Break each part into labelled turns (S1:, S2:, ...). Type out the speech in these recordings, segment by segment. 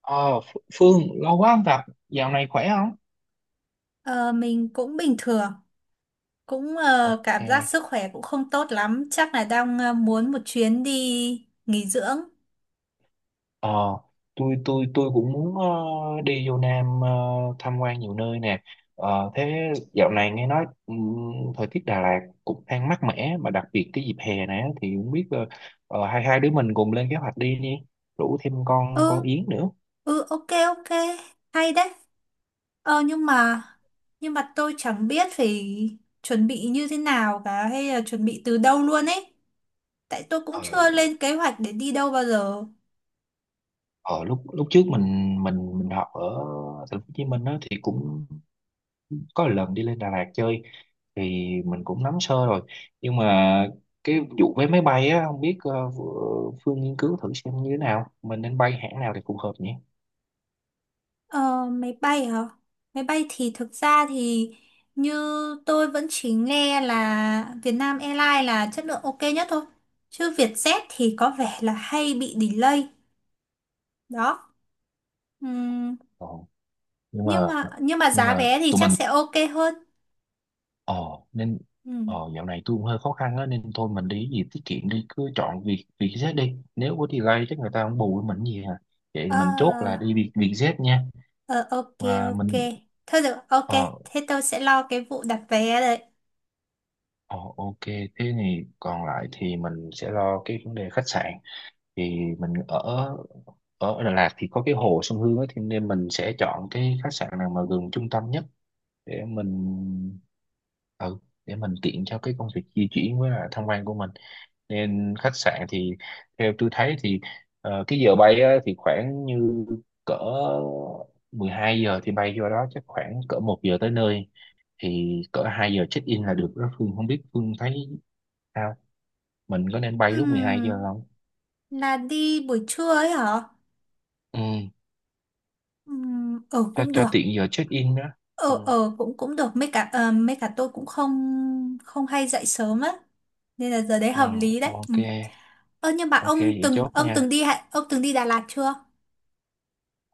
S1: Ờ, Phương, lâu quá không gặp, dạo này khỏe không?
S2: Ờ, mình cũng bình thường, cũng
S1: Ok.
S2: cảm giác sức khỏe cũng không tốt lắm, chắc là đang muốn một chuyến đi nghỉ dưỡng.
S1: Ờ, tôi cũng muốn đi vô Nam, tham quan nhiều nơi nè. Thế dạo này nghe nói thời tiết Đà Lạt cũng đang mát mẻ, mà đặc biệt cái dịp hè này á, thì không biết hai hai đứa mình cùng lên kế hoạch đi nhé, rủ thêm con
S2: Ừ,
S1: Yến nữa.
S2: ừ ok ok, hay đấy. Ờ nhưng mà tôi chẳng biết phải chuẩn bị như thế nào cả hay là chuẩn bị từ đâu luôn ấy. Tại tôi cũng
S1: Ờ,
S2: chưa lên kế hoạch để đi đâu bao giờ.
S1: ờ, lúc lúc trước mình mình học ở thành phố Hồ Chí Minh đó, thì cũng có lần đi lên Đà Lạt chơi, thì mình cũng nắm sơ rồi. Nhưng mà cái vụ vé máy bay á, không biết Phương nghiên cứu thử xem như thế nào, mình nên bay hãng nào thì phù hợp nhỉ?
S2: Ờ, máy bay hả? Máy bay thì thực ra thì như tôi vẫn chỉ nghe là Việt Nam Airlines là chất lượng ok nhất thôi. Chứ Vietjet thì có vẻ là hay bị delay. Đó. Ừm,
S1: Ồ, nhưng
S2: nhưng
S1: mà
S2: mà nhưng mà giá vé thì
S1: tụi
S2: chắc
S1: mình
S2: sẽ ok hơn.
S1: ờ nên,
S2: Ừm.
S1: dạo này tôi cũng hơi khó khăn á, nên thôi mình đi cái gì tiết kiệm đi, cứ chọn Việt Vietjet đi, nếu có delay chắc người ta không bù với mình gì à. Vậy thì
S2: Ờ,
S1: mình chốt là đi Việt Vietjet nha.
S2: ờ, ok
S1: Và
S2: ok.
S1: mình
S2: Thôi được, ok.
S1: ờ
S2: Thế tôi sẽ lo cái vụ đặt vé đấy.
S1: ờ ok, thế thì còn lại thì mình sẽ lo cái vấn đề khách sạn. Thì mình ở ở Đà Lạt thì có cái hồ Sông Hương ấy, thì nên mình sẽ chọn cái khách sạn nào mà gần trung tâm nhất để mình ừ, để mình tiện cho cái công việc di chuyển với là tham quan của mình. Nên khách sạn thì theo tôi thấy thì cái giờ bay á, thì khoảng như cỡ 12 giờ thì bay vô đó, chắc khoảng cỡ 1 giờ tới nơi, thì cỡ 2 giờ check in là được đó Phương. Không biết Phương thấy sao, mình có nên bay lúc 12 giờ
S2: Ừm,
S1: không?
S2: là đi buổi trưa ấy hả?
S1: Ừ,
S2: Ừ
S1: cho
S2: cũng
S1: cho
S2: được.
S1: tiện giờ check in đó. Ừ.
S2: Ờ ờ cũng cũng được mấy cả mấy cả tôi cũng không không hay dậy sớm á, nên là giờ đấy hợp
S1: Ờ,
S2: lý đấy, ừ.
S1: ok,
S2: Ơ nhưng mà
S1: ok, vậy chốt nha.
S2: ông từng đi Đà Lạt chưa?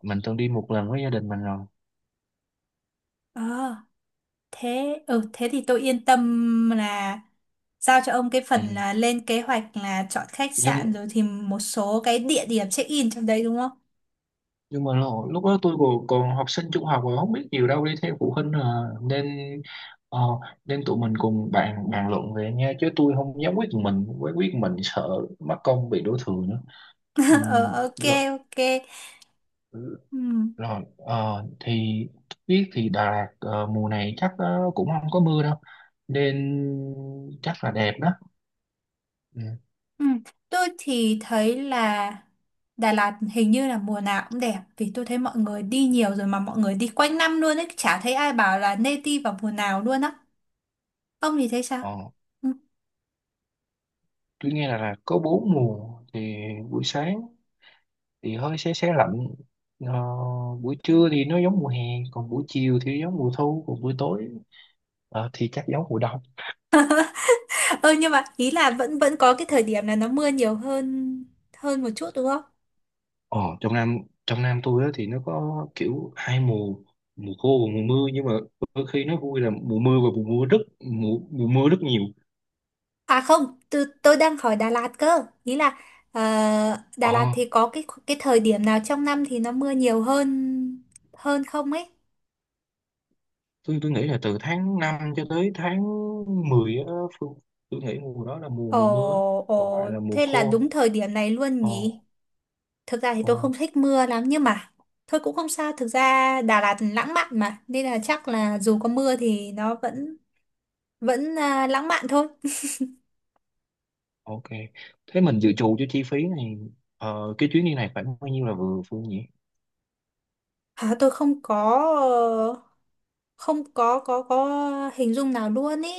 S1: Mình từng đi một lần với gia đình mình rồi.
S2: Ờ, thế, ừ, thế thì tôi yên tâm là giao cho ông cái
S1: Ừ.
S2: phần là lên kế hoạch, là chọn khách sạn
S1: nhưng
S2: rồi thì một số cái địa điểm check in trong đấy, đúng không?
S1: nhưng mà lúc đó tôi còn, còn học sinh trung học, rồi không biết nhiều đâu, đi theo phụ huynh à. Nên ờ, nên tụi mình cùng bàn bàn luận về nha, chứ tôi không dám quyết. Mình quyết quyết mình sợ mất công bị đổ thừa nữa. Ừ.
S2: Ờ, ok.
S1: Rồi,
S2: Ok, ừ.
S1: rồi, thì biết thì Đà Lạt mùa này chắc cũng không có mưa đâu, nên chắc là đẹp đó. Ừ.
S2: Ừ. Tôi thì thấy là Đà Lạt hình như là mùa nào cũng đẹp, vì tôi thấy mọi người đi nhiều rồi mà, mọi người đi quanh năm luôn ấy, chả thấy ai bảo là nên đi vào mùa nào luôn á. Ông thì thấy sao?
S1: Ờ,
S2: Ừ.
S1: tôi nghe là có 4 mùa, thì buổi sáng thì hơi se se lạnh, ờ, buổi trưa thì nó giống mùa hè, còn buổi chiều thì giống mùa thu, còn buổi tối thì chắc giống mùa đông.
S2: Ờ, nhưng mà ý là vẫn vẫn có cái thời điểm là nó mưa nhiều hơn hơn một chút đúng không?
S1: Ờ, trong Nam, trong Nam tôi á, thì nó có kiểu 2 mùa, mùa khô và mùa mưa. Nhưng mà đôi khi nó vui là mùa mưa, và mùa mưa rất mùa mưa rất nhiều.
S2: À không, tôi đang hỏi Đà Lạt cơ, ý là ờ,
S1: ờ,
S2: Đà Lạt thì có cái thời điểm nào trong năm thì nó mưa nhiều hơn hơn không ấy?
S1: tôi nghĩ là từ tháng 5 cho tới tháng 10 á, Phương- tôi nghĩ mùa đó là mùa
S2: Ồ.
S1: mùa mưa á. Còn lại
S2: Ồ,
S1: là mùa
S2: thế là
S1: khô.
S2: đúng thời điểm này luôn
S1: ờ,
S2: nhỉ. Thực ra thì
S1: ờ.
S2: tôi không thích mưa lắm nhưng mà thôi cũng không sao. Thực ra Đà Lạt lãng mạn mà, nên là chắc là dù có mưa thì nó vẫn vẫn lãng mạn thôi.
S1: Ok. Thế mình dự trù cho chi phí này, cái chuyến đi này khoảng bao nhiêu là vừa Phương nhỉ?
S2: À, tôi ờ, không có hình dung nào luôn ý.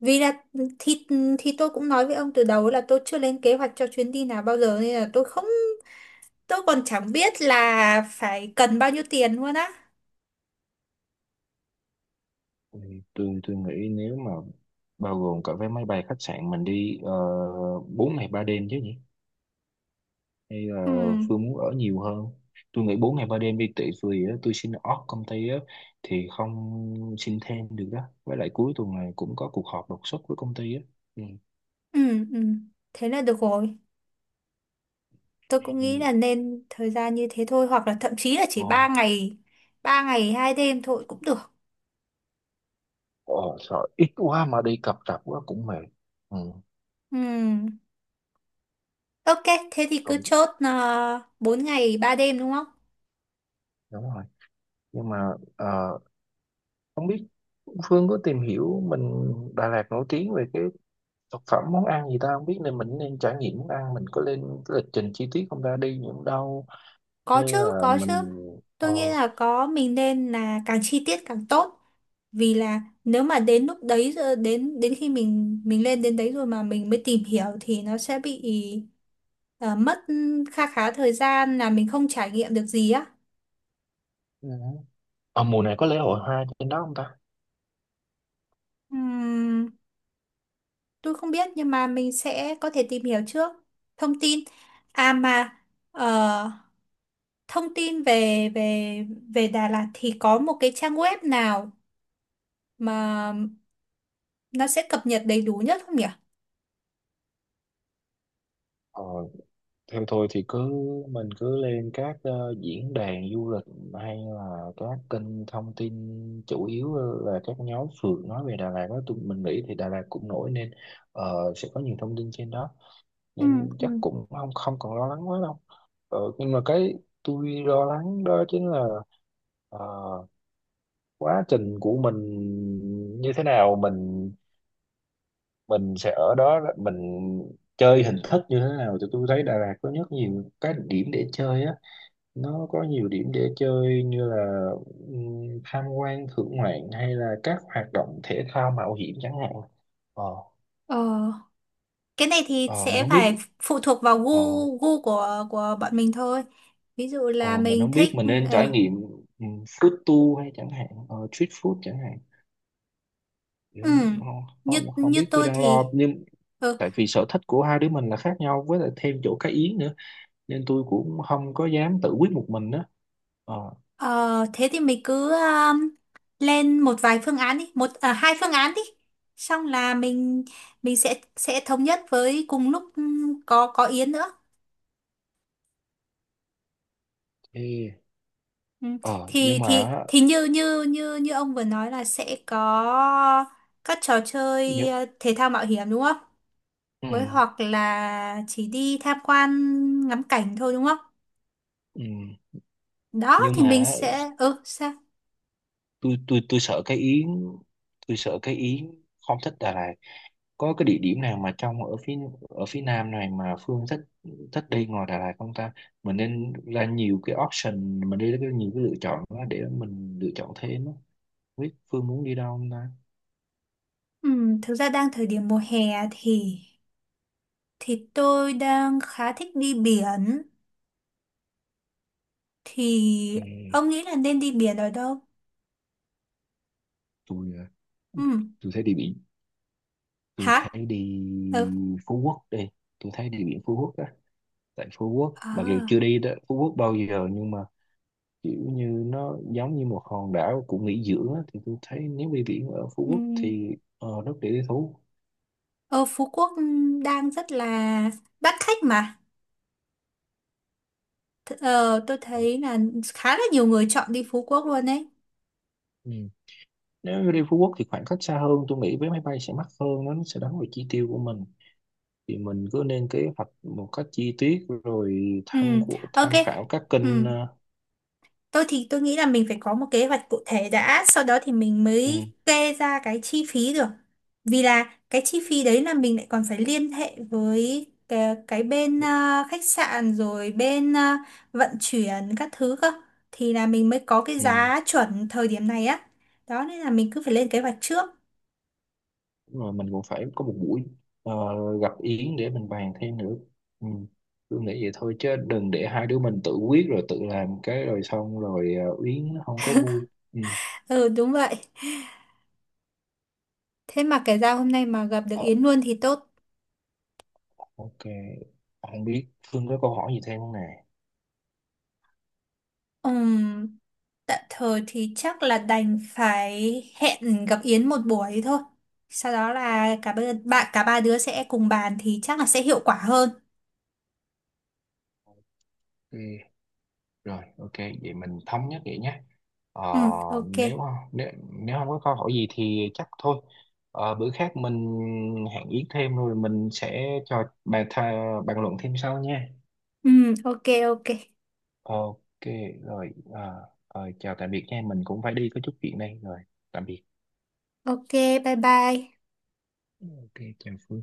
S2: Vì là thì thì tôi cũng nói với ông từ đầu là tôi chưa lên kế hoạch cho chuyến đi nào bao giờ, nên là tôi còn chẳng biết là phải cần bao nhiêu tiền luôn á.
S1: Ừ, tôi nghĩ nếu mà bao gồm cả vé máy bay, khách sạn, mình đi 4 ngày 3 đêm chứ nhỉ, hay
S2: Ừ,
S1: là Phương muốn ở nhiều hơn? Tôi nghĩ 4 ngày 3 đêm đi tị, vì á, tôi xin off công ty á, thì không xin thêm được đó, với lại cuối tuần này cũng có cuộc họp đột xuất với công ty á. Ừ.
S2: ừ, ừ. Thế là được rồi. Tôi cũng nghĩ
S1: Ừ.
S2: là nên thời gian như thế thôi, hoặc là thậm chí là chỉ
S1: Ồ,
S2: 3 ngày 2 đêm thôi cũng được.
S1: ồ, sợ ít quá mà đi cập rập quá cũng mệt. Ừ.
S2: Ừm, ok, thế thì
S1: Rồi,
S2: cứ chốt là 4 ngày 3 đêm đúng không?
S1: đúng rồi, nhưng mà không biết Phương có tìm hiểu mình Đà Lạt nổi tiếng về cái thực phẩm, món ăn gì ta, không biết nên mình nên trải nghiệm món ăn. Mình có lên cái lịch trình chi tiết không ta, đi những đâu,
S2: Có
S1: hay
S2: chứ,
S1: là
S2: có chứ.
S1: mình ờ
S2: Tôi nghĩ là có, mình nên là càng chi tiết càng tốt. Vì là nếu mà đến lúc đấy rồi, đến đến khi mình lên đến đấy rồi mà mình mới tìm hiểu thì nó sẽ bị ờ, mất kha khá thời gian, là mình không trải nghiệm được gì á.
S1: ừ. Ờ, mùa này có lễ hội hoa trên đó không ta?
S2: Ừm. Tôi không biết nhưng mà mình sẽ có thể tìm hiểu trước thông tin. À mà ờ, thông tin về về về Đà Lạt thì có một cái trang web nào mà nó sẽ cập nhật đầy đủ nhất không nhỉ?
S1: ờ, Theo tôi thì cứ mình cứ lên các diễn đàn du lịch hay là các kênh thông tin, chủ yếu là các nhóm phượt nói về Đà Lạt đó. Tụi mình nghĩ thì Đà Lạt cũng nổi nên sẽ có nhiều thông tin trên đó,
S2: Ừ,
S1: nên
S2: ừ.
S1: chắc cũng không không còn lo lắng quá đâu. Nhưng mà cái tôi lo lắng đó chính là ờ, quá trình của mình như thế nào, mình sẽ ở đó mình chơi hình thức như thế nào. Thì tôi thấy Đà Lạt có rất nhiều cái điểm để chơi á, nó có nhiều điểm để chơi, như là tham quan thưởng ngoạn, hay là các hoạt động thể thao mạo hiểm chẳng hạn. ờ
S2: Ờ, cái này thì
S1: ờ mình
S2: sẽ
S1: không biết.
S2: phải phụ thuộc vào gu
S1: ờ
S2: gu của bọn mình thôi. Ví dụ là
S1: Ờ, mình
S2: mình
S1: không biết
S2: thích
S1: mình nên
S2: ờ,
S1: trải nghiệm ừ, fruit tour hay chẳng hạn street food chẳng hạn. Thì
S2: ừ,
S1: không, không,
S2: như
S1: không
S2: như
S1: biết, tôi
S2: tôi
S1: đang lo.
S2: thì
S1: Nhưng
S2: ừ,
S1: tại vì sở thích của hai đứa mình là khác nhau, với lại thêm chỗ cái yến nữa, nên tôi cũng không có dám tự quyết một mình đó. ờ
S2: ờ, thế thì mình cứ lên một vài phương án đi, hai phương án đi. Xong là mình mình sẽ thống nhất với cùng lúc có Yến nữa.
S1: thì
S2: Ừ.
S1: ờ nhưng
S2: Thì thì
S1: mà
S2: thì như như như như ông vừa nói là sẽ có các trò chơi
S1: nhưng,
S2: thể thao mạo hiểm đúng không?
S1: ừ,
S2: Với hoặc là chỉ đi tham quan ngắm cảnh thôi đúng không?
S1: ừ,
S2: Đó
S1: nhưng
S2: thì mình
S1: mà
S2: sẽ, ừ, sao?
S1: tôi sợ cái yến. tôi sợ cái yến Không thích Đà Lạt. Có cái địa điểm nào mà trong ở phía nam này mà Phương thích thích đi ngoài Đà Lạt không ta? Mình nên ra nhiều cái option, mình đi ra nhiều cái lựa chọn đó để mình lựa chọn thêm á. Không biết Phương muốn đi đâu không ta?
S2: Ừ, thực ra đang thời điểm mùa hè thì tôi đang khá thích đi biển. Thì
S1: Ừ,
S2: ông nghĩ là nên đi biển ở đâu?
S1: tôi à,
S2: Ừ.
S1: tôi thấy đi biển. Tôi
S2: Hả?
S1: thấy đi
S2: Ừ.
S1: Phú Quốc đi, tôi thấy đi biển Phú Quốc á, tại Phú Quốc, mặc dù chưa
S2: À.
S1: đi đó, Phú Quốc bao giờ, nhưng mà kiểu như nó giống như một hòn đảo của nghỉ dưỡng á, thì tôi thấy nếu đi biển ở Phú
S2: Ừ.
S1: Quốc thì rất để lý thú.
S2: Ờ, Phú Quốc đang rất là đắt khách mà. Ờ, tôi thấy là khá là nhiều người chọn đi Phú Quốc luôn đấy.
S1: Ừ. Nếu đi Phú Quốc thì khoảng cách xa hơn, tôi nghĩ vé máy bay sẽ mắc hơn, nó sẽ đánh vào chi tiêu của mình. Thì mình cứ nên kế hoạch một cách chi tiết rồi
S2: Ừ. Ok.
S1: tham khảo các kênh
S2: Ừ. Tôi thì tôi nghĩ là mình phải có một kế hoạch cụ thể đã, sau đó thì mình
S1: ừ,
S2: mới kê ra cái chi phí được. Vì là cái chi phí đấy là mình lại còn phải liên hệ với cái bên khách sạn rồi bên vận chuyển các thứ cơ. Thì là mình mới có cái
S1: ừ.
S2: giá chuẩn thời điểm này á. Đó nên là mình cứ phải lên kế hoạch trước.
S1: Rồi mình cũng phải có một buổi ờ, gặp Yến để mình bàn thêm nữa. Ừ. Tôi nghĩ vậy thôi, chứ đừng để hai đứa mình tự quyết rồi tự làm cái rồi xong rồi Yến nó không có vui. Ừ.
S2: Ừ, đúng vậy. Thế mà kể ra hôm nay mà gặp được
S1: Ờ,
S2: Yến luôn thì tốt.
S1: ok, không biết Phương có câu hỏi gì thêm không nè?
S2: Ừm, tạm thời thì chắc là đành phải hẹn gặp Yến một buổi thôi. Sau đó là cả ba đứa sẽ cùng bàn thì chắc là sẽ hiệu quả hơn.
S1: Ừ, rồi, ok, vậy mình thống nhất vậy nhé. Ờ,
S2: Ừ, ok.
S1: nếu nếu nếu không có câu hỏi gì thì chắc thôi. Ờ, bữa khác mình hẹn Yến thêm rồi mình sẽ cho bàn luận thêm sau nha.
S2: Ừ, ok, ok.
S1: Ok, rồi, ờ, chào tạm biệt nha. Mình cũng phải đi có chút chuyện đây. Rồi, tạm biệt.
S2: Ok, bye bye.
S1: Ok, chào Phương.